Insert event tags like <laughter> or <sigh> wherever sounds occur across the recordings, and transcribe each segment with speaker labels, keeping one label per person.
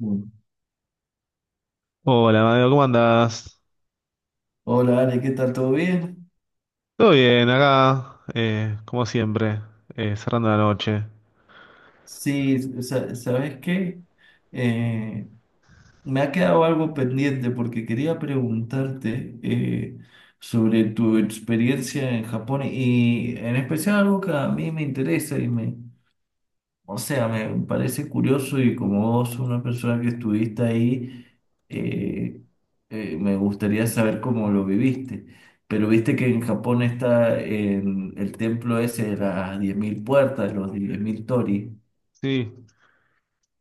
Speaker 1: Mm.
Speaker 2: Hola, Mateo, ¿cómo andás?
Speaker 1: Hola, Ale, ¿qué tal? ¿Todo bien?
Speaker 2: Todo bien, acá, como siempre, cerrando la noche.
Speaker 1: Sí, ¿sabes qué? Eh, Me ha quedado algo pendiente porque quería preguntarte sobre tu experiencia en Japón y en especial algo que a mí me interesa o sea, me parece curioso y como vos, una persona que estuviste ahí, eh, me gustaría saber cómo lo viviste. Pero viste que en Japón está en el templo ese de las 10.000 puertas, los 10.000 torii.
Speaker 2: Sí,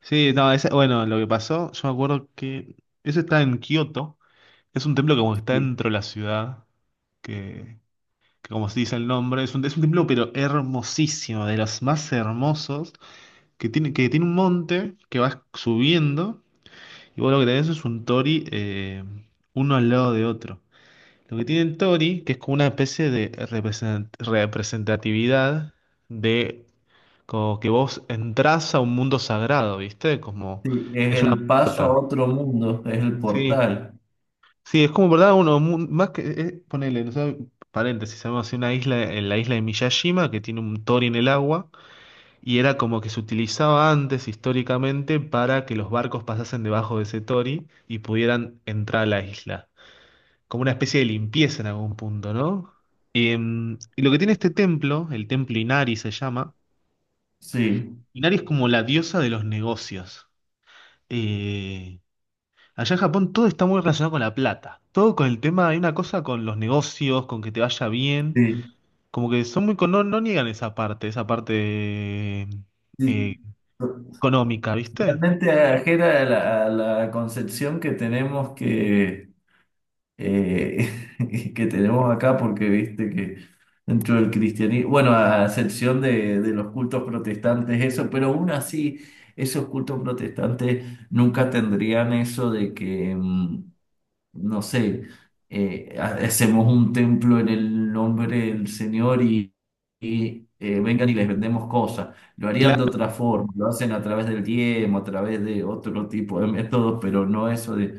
Speaker 2: sí, no, bueno, lo que pasó, yo me acuerdo que eso está en Kioto, es un templo que como que está
Speaker 1: Sí.
Speaker 2: dentro de la ciudad, que, que como se dice el nombre, es un templo pero hermosísimo, de los más hermosos, que tiene un monte que vas subiendo, y vos lo que tenés es un tori uno al lado de otro. Lo que tiene el Tori, que es como una especie de representatividad de como que vos entras a un mundo sagrado, ¿viste? Como
Speaker 1: Sí, es
Speaker 2: es una
Speaker 1: el paso a
Speaker 2: puerta.
Speaker 1: otro mundo, es el
Speaker 2: Sí,
Speaker 1: portal.
Speaker 2: sí, es como, ¿verdad? Uno, más que, ponele, no sé, paréntesis, sabemos así, una isla, en la isla de Miyajima, que tiene un Tori en el agua, y era como que se utilizaba antes históricamente para que los barcos pasasen debajo de ese Tori y pudieran entrar a la isla. Como una especie de limpieza en algún punto, ¿no? Y lo que tiene este templo, el templo Inari se llama.
Speaker 1: Sí,
Speaker 2: Inari es como la diosa de los negocios. Eh, Allá en Japón todo está muy relacionado con la plata, todo con el tema, hay una cosa con los negocios, con que te vaya bien,
Speaker 1: sí,
Speaker 2: como que son muy, no, no niegan esa parte
Speaker 1: sí.
Speaker 2: eh, económica, ¿viste?
Speaker 1: Totalmente ajena a la concepción que tenemos que eh, <laughs> que tenemos acá, porque viste que dentro del cristianismo, bueno, a excepción de los cultos protestantes, eso, pero aún así, esos cultos protestantes nunca tendrían eso de que... no sé, hacemos un templo en el nombre del Señor y, vengan y les vendemos cosas. Lo harían de
Speaker 2: Claro.
Speaker 1: otra forma, lo hacen a través del diezmo, a través de otro tipo de métodos, pero no eso de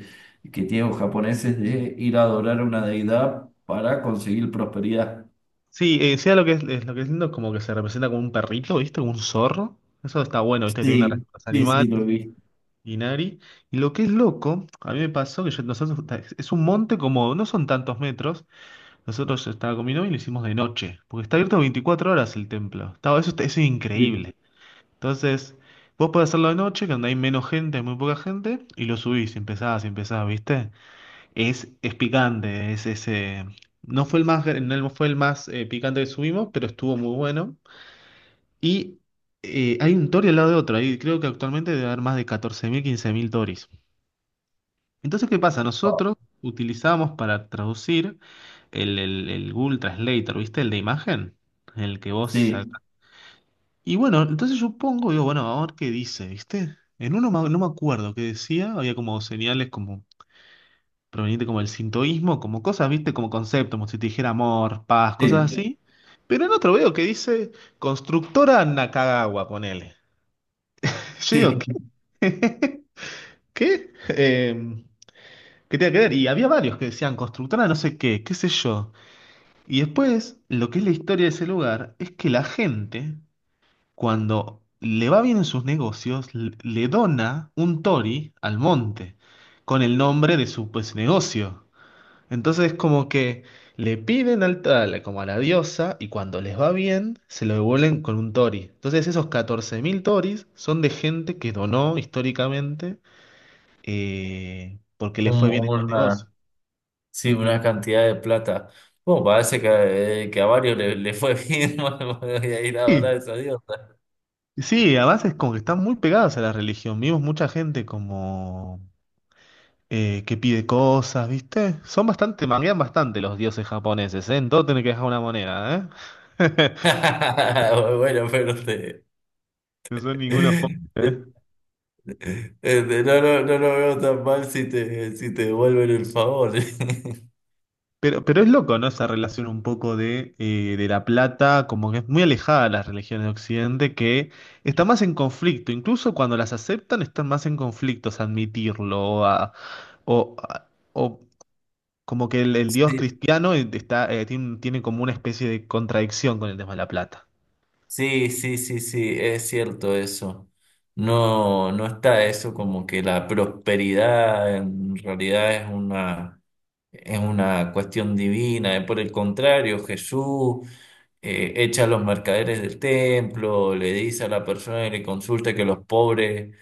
Speaker 1: que tienen los japoneses de ir a adorar a una deidad para conseguir prosperidad.
Speaker 2: Sí, sea lo que es lo que es lindo, como que se representa como un perrito, ¿viste? Como un zorro. Eso está bueno, ¿viste? Tiene una
Speaker 1: Sí,
Speaker 2: respuesta
Speaker 1: sí,
Speaker 2: animal.
Speaker 1: sí, lo he visto.
Speaker 2: Inari. Y lo que es loco, a mí me pasó que nosotros, es un monte como, no son tantos metros, nosotros yo estaba con mi novia y lo hicimos de noche, porque está abierto 24 horas el templo. Estaba, eso, eso es
Speaker 1: Sí.
Speaker 2: increíble. Entonces, vos podés hacerlo de noche, que donde hay menos gente, hay muy poca gente, y lo subís, y empezás, ¿viste? Es picante, es ese... No fue el más, gr- No fue el más picante que subimos, pero estuvo muy bueno. Y hay un tori al lado de otro, ahí creo que actualmente debe haber más de 14.000, 15.000 toris. Entonces, ¿qué pasa?
Speaker 1: Ah,
Speaker 2: Nosotros utilizamos para traducir el Google Translator, ¿viste? El de imagen, el que vos
Speaker 1: sí,
Speaker 2: sacas. Y bueno, entonces yo pongo, digo, bueno, a ver qué dice, ¿viste? En uno no me acuerdo qué decía, había como señales como proveniente como del sintoísmo, como cosas, ¿viste? Como conceptos, como si te dijera amor, paz, cosas, sí,
Speaker 1: sí.
Speaker 2: así. Pero en otro veo que dice constructora Nakagawa, ponele. <laughs> Yo digo,
Speaker 1: Sí.
Speaker 2: ¿qué? <laughs> ¿Qué? ¿Qué tiene que ver? Y había varios que decían constructora no sé qué, qué sé yo. Y después, lo que es la historia de ese lugar es que la gente, cuando le va bien en sus negocios, le dona un tori al monte con el nombre de su pues negocio. Entonces, como que le piden al tal, como a la diosa, y cuando les va bien, se lo devuelven con un tori. Entonces, esos 14.000 toris son de gente que donó históricamente porque le
Speaker 1: Un-
Speaker 2: fue bien en los negocios.
Speaker 1: una- Sí, una cantidad de plata. Bueno, parece que a varios le fue bien. <laughs> Bueno, voy a ir a adorar
Speaker 2: Sí,
Speaker 1: a esa diosa.
Speaker 2: sí, además es como que están muy pegadas a la religión. Vimos mucha gente como que pide cosas, ¿viste? Son bastante, manguean bastante los dioses japoneses, ¿eh? En todo tienen que dejar una moneda, ¿eh? <laughs>
Speaker 1: <laughs> Bueno, pero
Speaker 2: No son ningunos pobres, ¿eh?
Speaker 1: no, no, no lo veo tan mal si si te devuelven el favor. <laughs>
Speaker 2: Pero es loco, ¿no? Esa relación un poco de la plata, como que es muy alejada de las religiones de Occidente, que está más en conflicto. Incluso cuando las aceptan, están más en conflictos, admitirlo o, Como que el dios
Speaker 1: Sí,
Speaker 2: cristiano tiene como una especie de contradicción con el tema de la plata.
Speaker 1: sí, sí, sí, sí, es cierto eso. No, no está eso como que la prosperidad en realidad es una cuestión divina. Por el contrario, Jesús. Echa a los mercaderes del templo, le dice a la persona que le consulta que los pobres,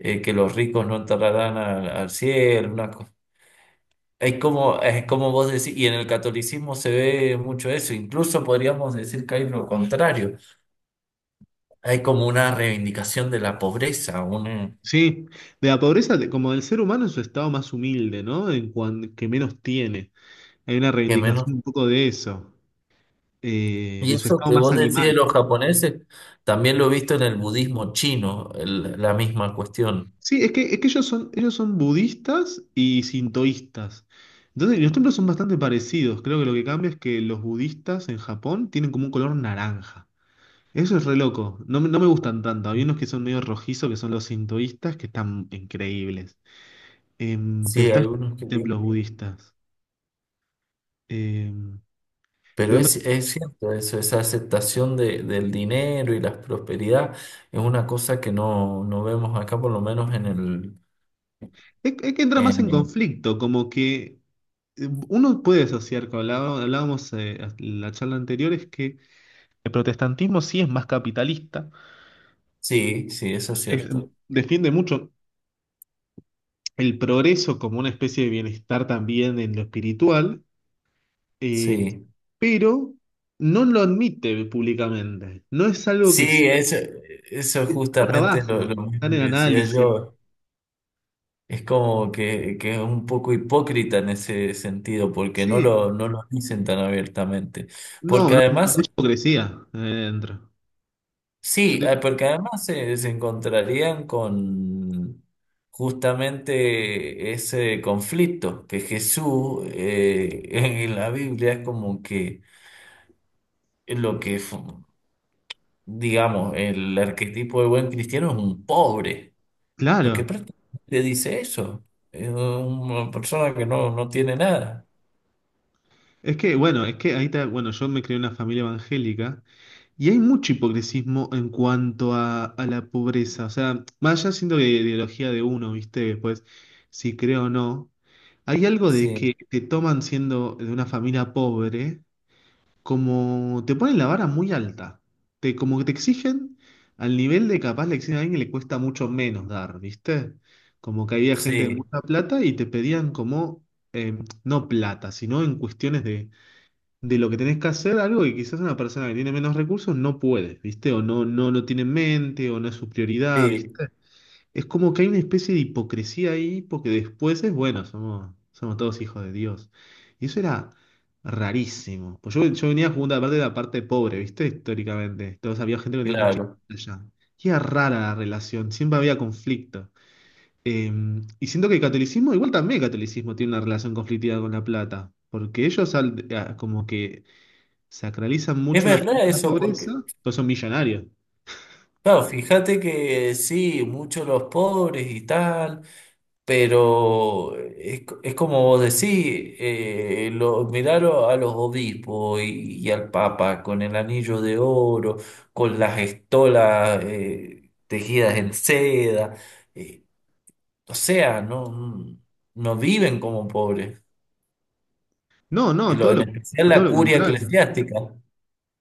Speaker 1: que los ricos no entrarán al cielo, es como, es como vos decís, y en el catolicismo se ve mucho eso, incluso podríamos decir que hay lo contrario, hay como una reivindicación de la pobreza, un
Speaker 2: Sí, de la pobreza, como del ser humano en su estado más humilde, ¿no? En que menos tiene. Hay una
Speaker 1: que menos.
Speaker 2: reivindicación un poco de eso,
Speaker 1: Y
Speaker 2: de su
Speaker 1: eso
Speaker 2: estado
Speaker 1: que
Speaker 2: más
Speaker 1: vos decís de
Speaker 2: animal.
Speaker 1: los japoneses, también lo he visto en el budismo chino, la misma cuestión.
Speaker 2: Sí, es que ellos son budistas y sintoístas. Entonces, los templos son bastante parecidos. Creo que lo que cambia es que los budistas en Japón tienen como un color naranja. Eso es re loco. No, me no me gustan tanto. Hay unos que son medio rojizos, que son los sintoístas, que están increíbles. Pero
Speaker 1: Sí, hay
Speaker 2: están
Speaker 1: unos que...
Speaker 2: templos budistas. Em,
Speaker 1: Pero
Speaker 2: pero
Speaker 1: es cierto eso, esa aceptación del dinero y la prosperidad es una cosa que no, no vemos acá, por lo menos en el...
Speaker 2: es que entra más en
Speaker 1: En...
Speaker 2: conflicto, como que uno puede asociar, como hablábamos, en la charla anterior, es que el protestantismo sí es más capitalista.
Speaker 1: Sí, sí, eso es
Speaker 2: Es- mm,
Speaker 1: cierto.
Speaker 2: Defiende mucho el progreso como una especie de bienestar también en lo espiritual. Eh,
Speaker 1: Sí,
Speaker 2: pero no lo admite públicamente. No es algo
Speaker 1: sí,
Speaker 2: que se
Speaker 1: eso es
Speaker 2: por
Speaker 1: justamente
Speaker 2: abajo.
Speaker 1: lo
Speaker 2: Está en
Speaker 1: mismo
Speaker 2: el
Speaker 1: que decía
Speaker 2: análisis.
Speaker 1: yo. Es como que es un poco hipócrita en ese sentido, porque no
Speaker 2: Sí,
Speaker 1: no lo dicen tan abiertamente.
Speaker 2: no,
Speaker 1: Porque
Speaker 2: no, no, no
Speaker 1: además
Speaker 2: mucha hipocresía dentro. Yo
Speaker 1: sí,
Speaker 2: te-
Speaker 1: porque además se encontrarían con justamente ese conflicto, que Jesús <laughs> en la Biblia es como que lo que, fu- digamos, el arquetipo de buen cristiano es un pobre, porque
Speaker 2: Claro,
Speaker 1: prácticamente dice eso, es una persona que no, no tiene nada.
Speaker 2: es que, bueno, es que ahí está, bueno, yo me crié en una familia evangélica y hay mucho hipocresismo en cuanto a la pobreza. O sea, más allá siendo de ideología de uno, ¿viste? Pues, si creo o no, hay algo de
Speaker 1: Sí,
Speaker 2: que te toman siendo de una familia pobre como te ponen la vara muy alta. Como que te exigen al nivel de capaz le exigen a alguien que le cuesta mucho menos dar, ¿viste? Como que había gente de
Speaker 1: sí,
Speaker 2: mucha plata y te pedían como, eh, no plata, sino en cuestiones de lo que tenés que hacer, algo que quizás una persona que tiene menos recursos no puede, ¿viste? O no lo tiene en mente, o no es su prioridad,
Speaker 1: sí,
Speaker 2: ¿viste? Es como que hay una especie de hipocresía ahí, porque después es bueno, somos todos hijos de Dios. Y eso era rarísimo. Pues yo venía jugando aparte de la parte pobre, ¿viste? Históricamente. Entonces había gente que tenía mucha
Speaker 1: claro.
Speaker 2: plata. Y era rara la relación, siempre había conflicto. Eh, y siento que el catolicismo, igual también el catolicismo tiene una relación conflictiva con la plata, porque ellos como que sacralizan
Speaker 1: Es
Speaker 2: mucho la,
Speaker 1: verdad
Speaker 2: la
Speaker 1: eso, porque,
Speaker 2: pobreza, todos son millonarios.
Speaker 1: claro, fíjate que sí, muchos los pobres y tal. Pero es como vos decís, mirar a los obispos y al Papa con el anillo de oro, con las estolas tejidas en seda, eh, o sea, no, no viven como pobres,
Speaker 2: No,
Speaker 1: y
Speaker 2: no,
Speaker 1: lo,
Speaker 2: todo
Speaker 1: en
Speaker 2: lo,
Speaker 1: especial
Speaker 2: todo
Speaker 1: la
Speaker 2: lo
Speaker 1: curia
Speaker 2: contrario.
Speaker 1: eclesiástica.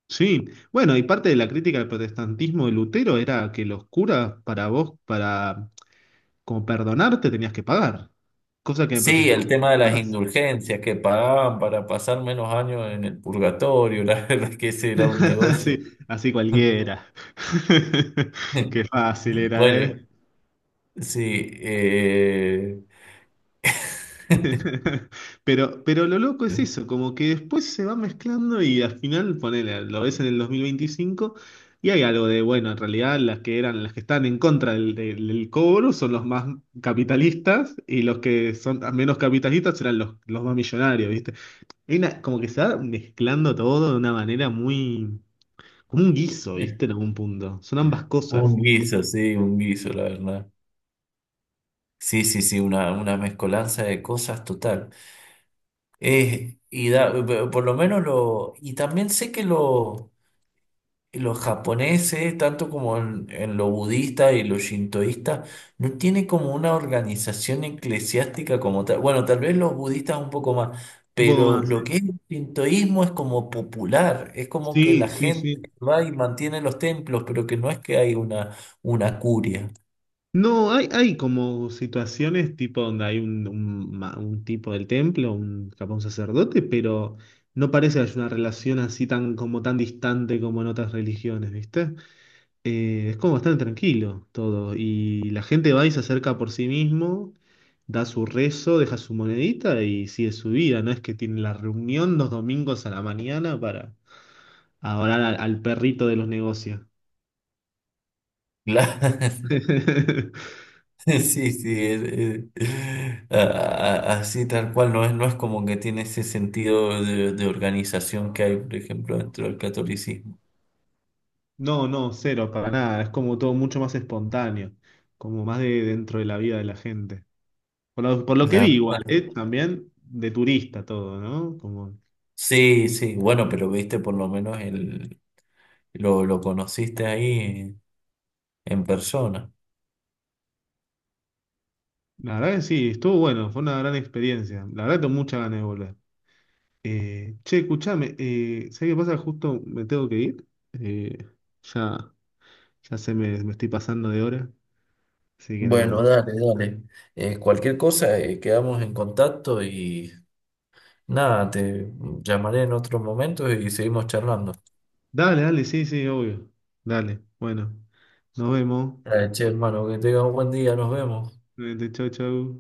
Speaker 2: Sí, bueno, y parte de la crítica del protestantismo de Lutero era que los curas, para como perdonarte, tenías que pagar, cosa que en el
Speaker 1: Sí, el
Speaker 2: protestantismo
Speaker 1: tema de
Speaker 2: no
Speaker 1: las
Speaker 2: estás.
Speaker 1: indulgencias que pagaban para pasar menos años en el purgatorio, <laughs> la verdad es que ese era un
Speaker 2: <laughs>
Speaker 1: negocio.
Speaker 2: Así, así cualquiera. <laughs> Qué
Speaker 1: <laughs>
Speaker 2: fácil era, ¿eh?
Speaker 1: Bueno, sí, <laughs>
Speaker 2: <laughs> Pero lo loco es eso, como que después se va mezclando y al final, ponele, lo ves en el 2025 y hay algo de, bueno, en realidad las que eran, las que están en contra del cobro son los más capitalistas y los que son menos capitalistas serán los más millonarios, ¿viste? Hay como que se va mezclando todo de una manera muy, como un guiso, ¿viste? En algún punto. Son ambas
Speaker 1: un
Speaker 2: cosas.
Speaker 1: guiso, sí, un guiso, la verdad. Sí, sí, sí, una mezcolanza de cosas total. Eh, y da, por lo menos lo, y también sé que lo y los japoneses, tanto como en lo budista y lo shintoísta, no tiene como una organización eclesiástica como tal. Bueno, tal vez los budistas un poco más,
Speaker 2: Un poco
Speaker 1: pero
Speaker 2: más,
Speaker 1: lo
Speaker 2: ¿eh?
Speaker 1: que es el shintoísmo es como popular, es como que la
Speaker 2: Sí, sí,
Speaker 1: gente
Speaker 2: sí.
Speaker 1: va y mantiene los templos, pero que no es que hay una curia.
Speaker 2: No, hay como situaciones tipo donde hay un tipo del templo, un, capaz un sacerdote, pero no parece que haya una relación así tan, como tan distante como en otras religiones, ¿viste? Es como bastante tranquilo todo. Y la gente va y se acerca por sí mismo, da su rezo, deja su monedita y sigue su vida. No es que tiene la reunión los domingos a la mañana para adorar al perrito de los negocios.
Speaker 1: Claro. <laughs>
Speaker 2: <laughs>
Speaker 1: Sí, sí, es- a- así tal cual, no es, no es como que tiene ese sentido de organización que hay, por ejemplo, dentro del catolicismo.
Speaker 2: No, no, cero, para nada. Es como todo mucho más espontáneo, como más de dentro de la vida de la gente. Por lo que vi igual, ¿eh? También de turista todo, ¿no? Como,
Speaker 1: Sí, sí, bueno, pero viste por lo menos el, lo conociste ahí en persona.
Speaker 2: la verdad que sí, estuvo bueno, fue una gran experiencia. La verdad tengo muchas ganas de volver. Che, escuchame, ¿sabés qué pasa? Justo me tengo que ir. Eh, ya, ya se me estoy pasando de hora, así que
Speaker 1: Bueno,
Speaker 2: nada.
Speaker 1: dale, dale. Cualquier cosa, quedamos en contacto y nada, te llamaré en otro momento y seguimos charlando.
Speaker 2: Dale, dale, sí, sí, obvio. Dale, bueno, nos vemos.
Speaker 1: Dale, che, hermano, que tengas un buen día, nos vemos.
Speaker 2: Chau, chau.